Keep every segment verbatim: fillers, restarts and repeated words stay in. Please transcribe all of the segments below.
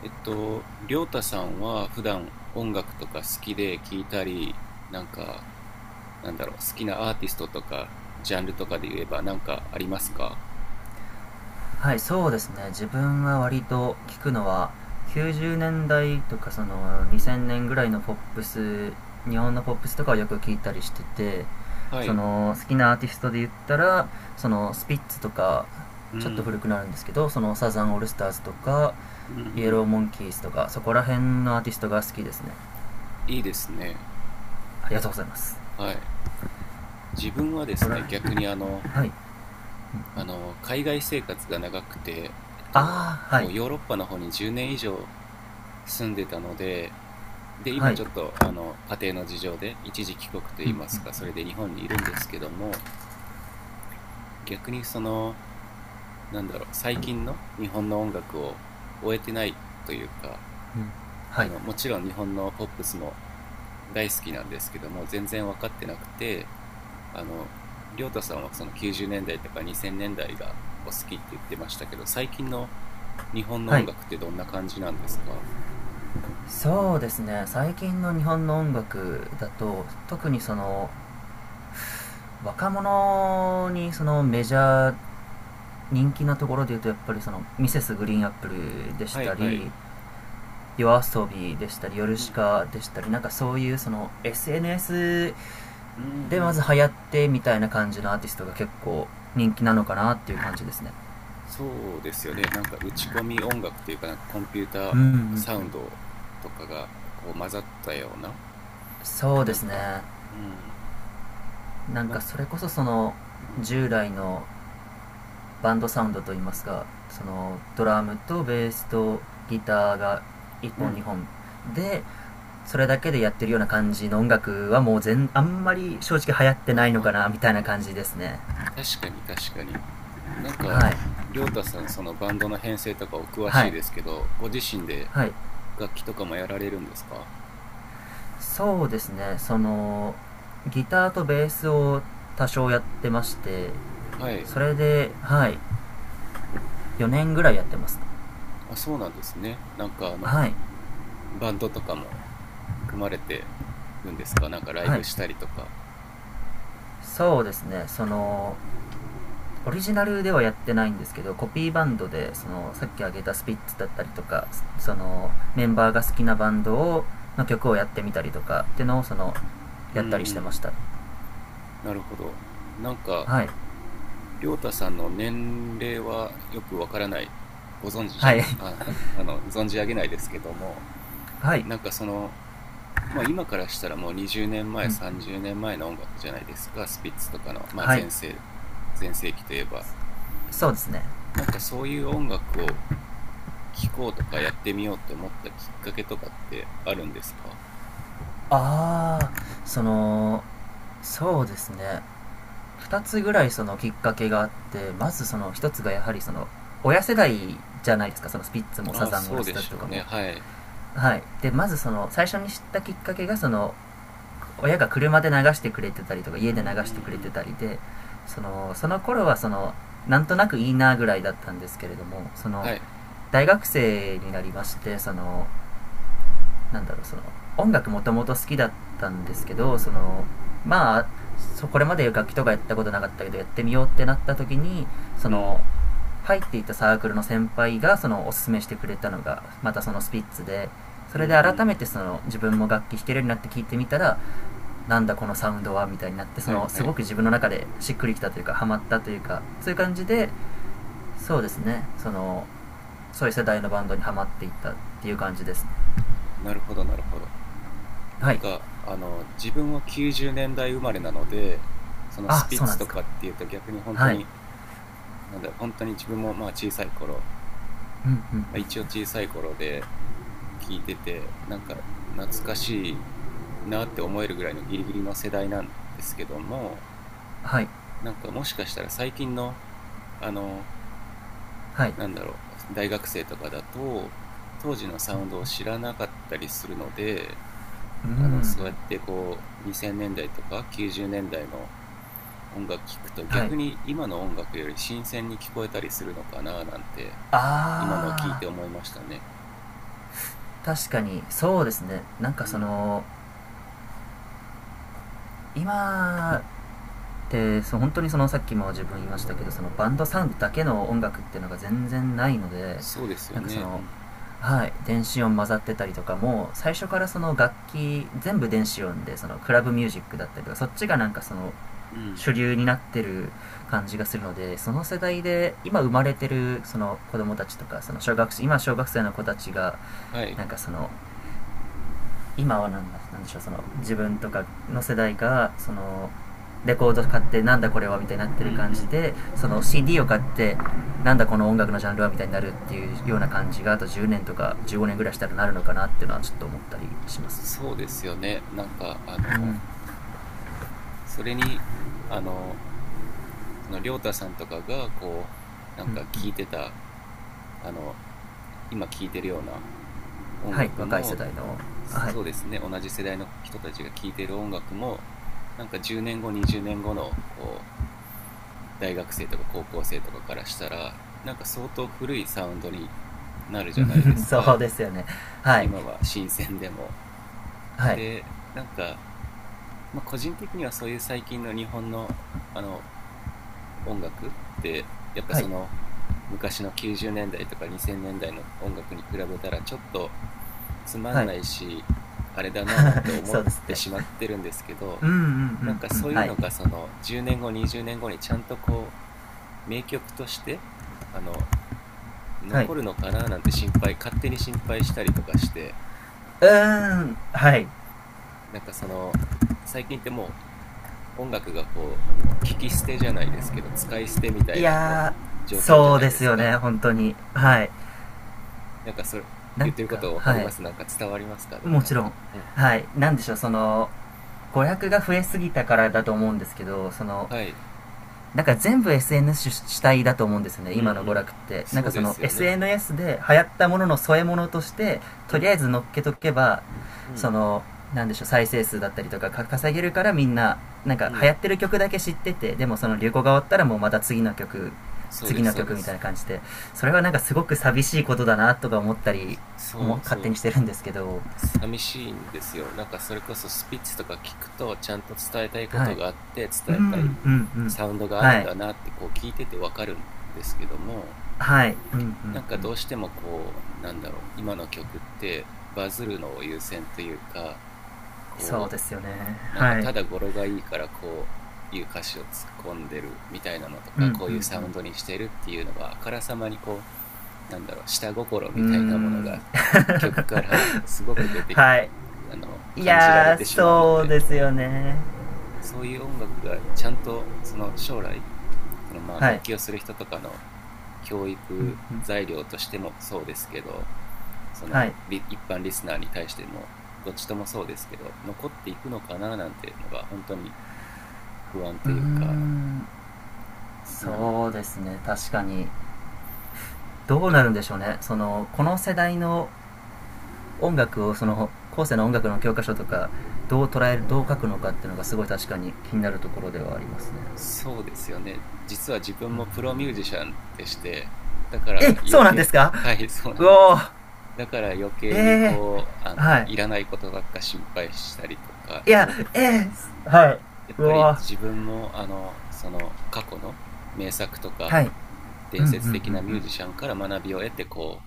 えっと、りょうたさんは普段音楽とか好きで聴いたり、なんか、なんだろう、好きなアーティストとか、ジャンルとかで言えばなんかありますか？はい、そうですね。自分は割と聞くのは、きゅうじゅうねんだいとかそのにせんねんぐらいのポップス、日本のポップスとかをよく聞いたりしてて、はそい。の好きなアーティストで言ったら、そのスピッツとか、うちょっとん。古くなるんですけど、そのサザンオールスターズとか、うんうイエロん。ーモンキーズとか、そこら辺のアーティストが好きですね。いいですね。ありがとうございます。はい。自分はでここすらね、逆にあの、辺、はい。あの、海外生活が長くて、えっと、ああ、はこい。う、ヨーロッパの方にじゅうねんいじょう以上住んでたので、で、今はい。ちょっと、あの、家庭の事情で一時帰国とういん、いうん、ますか、それで日本にいるんですけども、逆にその、なんだろう、最近の日本の音楽を終えてないというか、うん。はあい。のもちろん日本のポップスも大好きなんですけども全然分かってなくて、あの、りょう太さんはそのきゅうじゅうねんだいとかにせんねんだいがお好きって言ってましたけど、最近の日本のは音い。楽ってどんな感じなんですか？そうですね、最近の日本の音楽だと、特にその若者にそのメジャー人気なところで言うと、やっぱりそのミセスグリーンアップルでしはいたはい、り、夜遊びでしたり、ヨルうシん、カでしたり、なんかそういうその エスエヌエス うんうでまん。ず流行ってみたいな感じのアーティストが結構人気なのかなっていう感じですね。そうですよね、なんか打ち込み音楽というか、なんかコンピュータうーん、うん、うん。サウンドとかがこう混ざったような。そうでなんすか、ね、うん、なんなんかそか、れこそそのうん、従来のバンドサウンドといいますか、そのドラムとベースとギターが1う本ん。にほんで、それだけでやってるような感じの音楽はもう全あんまり正直流行ってなあいのあ、かなみたいな感じですね。確かに確かに。なんか、はい、りょうたさん、そのバンドの編成とかお詳はしいい、ですけど、ご自身ではい。楽器とかもやられるんですか？そうですね、そのギターとベースを多少やってまして、はい。それではい、よねんぐらいやってます。あ、そうなんですね。なんかあの、はい、バンドとかも組まれてるんですか、なんかライはブい。したりとか。そうですね、そのオリジナルではやってないんですけど、コピーバンドでそのさっき挙げたスピッツだったりとか、そのメンバーが好きなバンドをの曲をやってみたりとかってのを、そのうんやっうたりしてん。ました。なるほど。なんか、はい、りょうたさんの年齢はよくわからない。ご存知じゃはい。 ん、あ、あの、存じ上げないですけども、はい、なんかその、まあ、今からしたらもう20年う前、ん、さんじゅうねんまえの音楽じゃないですか、スピッツとかの、まあ、はい。前世、前世紀といえば。そうですね。なんかそういう音楽を聴こうとかやってみようって思ったきっかけとかってあるんですか？ああ、そのそうですね、ふたつぐらいそのきっかけがあって、まずそのひとつがやはりその親世代じゃないですか。そのスピッツもあサあ、ザンオーそルうスでターズしとょかうね。も。はい。はい、でまずその最初に知ったきっかけが、その親が車で流してくれてたりとか家うんうで流んうしてくれてん。たりで、そのその頃はそのなんとなくいいなぐらいだったんですけれども、そのはい。大学生になりまして、そのなんだろう、その音楽もともと好きだったんですけど、そのまあ、そこれまで楽器とかやったことなかったけど、やってみようってなった時に、そうん。の入っていたサークルの先輩がそのおすすめしてくれたのが、またそのスピッツで、そうんれうで改ん。めてその自分も楽器弾けるようになって聴いてみたら、なんだこのサウンドはみたいになって、そはいのはすごい。く自分の中でしっくりきたというかハマったというか、そういう感じで、そうですね、そのそういう世代のバンドにハマっていったっていう感じです。なるほどなるほど。なはんい。か、あの、自分はきゅうじゅうねんだい生まれなので、そのあ、スピッそうなツんでとすか。かっていうと逆に本当はい、に、なんだろう、本当に自分もまあ小さい頃、うん、うん、うん、まあ、一応小さい頃で聞いててなんか懐かしいなって思えるぐらいのギリギリの世代なんですけども、はい、なんかもしかしたら最近の、あの、はい、なんだろう、大学生とかだと当時のサウンドを知らなかったりするので、うん、うあの、ん、そうやってこうにせんねんだいとかきゅうじゅうねんだいの音楽聴くとはい、逆に今の音楽より新鮮に聞こえたりするのかな、なんてあ今のを聞いてー。思いましたね。確かにそうですね、なんかうそん、の今ってそう本当に、そのさっきも自分言いましたけど、そのバンドサウンドだけの音楽っていうのが全然ないので、そうですよなんかそね。うの、ん、はい、電子音混ざってたりとかも、最初からその楽器全部電子音でそのクラブミュージックだったりとか、そっちがなんかそのうん、主流になってる感じがするので、その世代で今生まれてるその子供たちとか、その小学生今小学生の子たちがはい。なんかその今は何なんなんでしょう、その自分とかの世代がそのレコード買ってなんだこれはみたいになってうんるう感じん。で、その シーディー を買ってなんだこの音楽のジャンルはみたいになるっていうような感じが、あとじゅうねんとかじゅうごねんぐらいしたらなるのかなっていうのは、ちょっと思ったりします。そうですよね。なんか、あうん、うん、うの、ん。それに、あの、その、りょうたさんとかが、こう、なんか聞いてた、あの、今聞いてるような音はい、楽若い世も、代の、はい。 そうですね、同じ世代の人たちが聞いてる音楽も、なんかじゅうねんご、にじゅうねんごの、こう、大学生とか高校生とかからしたら、なんか相当古いサウンドになるじゃないで すそうか。ですよね。はい、今は新鮮でも。はい、で、なんか、まあ、個人的にはそういう最近の日本の、あの、音楽ってやっぱはそい、の昔のきゅうじゅうねんだいとかにせんねんだいの音楽に比べたらちょっとつまんはい、ないし、あれだなぁなんて思っそうですってて、しまってるんですけど、うん、うん、うなんん、かうん、そういうはい、のがそのじゅうねんごにじゅうねんごにじゅうねんごにちゃんとこう名曲としてあのはい。残るのかなぁなんて、心配、勝手に心配したりとかして。うーん、はい。なんかその最近っても音楽がこう聞き捨てじゃないですけど使い捨てみたいいなこやうー、状況じゃそうないでですすよか。ね、本当に。うはん。い。なんかそれ、な言んってるこか、と分かりはい。ます、なんか伝わりますかね、もなんちろか、ん。うん、はい。なんでしょう、その、娯楽が増えすぎたからだと思うんですけど、その、はい。だから全部 エスエヌエス 主体だと思うんですよね、うんう今の娯ん。楽って。なんそかうそでの すよね。 エスエヌエス で流行ったものの添え物として、うとりん。あえず乗っけとけば、うそんの、なんでしょう、再生数だったりとかか稼げるから、みんな、なんうか流行ん。ってる曲だけ知ってて、でもその流行が終わったらもうまた次の曲、そう次ですのそうで曲みたいす。な感じで、それはなんかすごく寂しいことだなとか思ったり、思そう勝手にそう、してるんですけど。寂しいんですよ、なんかそれこそスピッツとか聞くとちゃんと伝えたいこはとい。があって、う伝えたいん、うん、うん。サウンドがあはるんい。だなってこう聞いてて分かるんですけども、はい。うん、うん、うん。なんかどうしてもこう、なんだろう、今の曲ってバズるのを優先というか、そうこですよね。う、なんかはい。ただ語呂がいいからこういう歌詞を突っ込んでるみたいなのとうん、うか、ん、こういうサウンドにしてるっていうのがあからさまにこう、なんだろう、下心うん、うーみたいなものがん。 曲からすごく出 て、はい、あの、い感じられやー、てしまうのそうで、ですよね。そういう音楽がちゃんとその将来、そのまあはい、楽器をする人とかの教う育ん、うん、材料としてもそうですけど、そはのい、一般リスナーに対してもどっちともそうですけど残っていくのかな、なんていうのが本当に不安うとーいうか、ん、うん、そうですね、確かに。どうで、なるんでしょうね、そのこの世代の音楽をその後世の音楽の教科書とかどう捉える、どう書くのかっていうのがすごい確かに気になるところではありますね。そうですよね。実は自分うん、うもプロミん。ュージシャンでして、だからえ、余そうなんで計 すか。 はい、そうなうおんです。ー、だから余計にえこうあー、はのい、いらないことばっか心配したりとかいや、こう、ええ、はい。やっうぱりわ、自分もあのその過去の名作とかはい。うん、伝うん、うん、説的なうミューん。ジシャンから学びを得てこ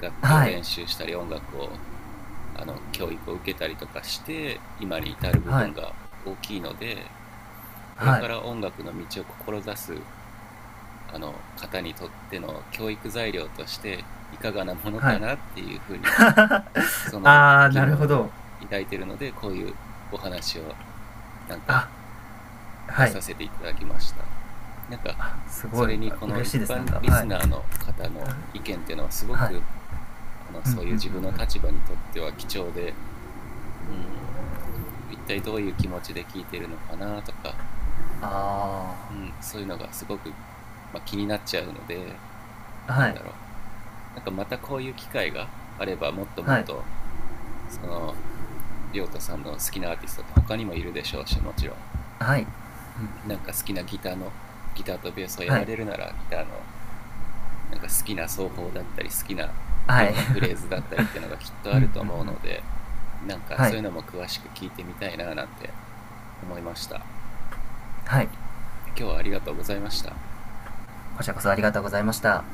う楽器をはい。練習したり音楽をあの教育を受けたりとかして今に至る部は分い。が大きいので、これはかい。ら音楽の道を志すあの方にとっての教育材料としていかがなものはかい なっていうふうには、そ のあー、疑なるほ問をど。抱いているので、こういうお話をなんかあ、出はい。させていただきました。なんかすそごい、れにこの嬉し一いです、なん般か。リはスい。ナーの方の意見っていうのはすごはい。く、あの、うん、うん、そういううん、うん。自分の立場にとっては貴重で、うん、一体どういう気持ちで聞いてるのかなとか、あうん、そういうのがすごく、まあ、気になっちゃうので、ー。なはんい。だろう、なんかまたこういう機会があればもっともっはい。とその亮太さんの好きなアーティストって他にもいるでしょうし、もちろはい。んなんか好きなギターの、ギターとベースをやはらい。れるならギターのなんか好きな奏法だったり好きなはようい なフレーズだったりっていうのがきっ とうん、あうん、うるん。と思うので、なんかはそい。ういうのも詳しく聞いてみたいな、なんて思いました。はい。今日はありがとうございました。こちらこそ、ありがとうございました。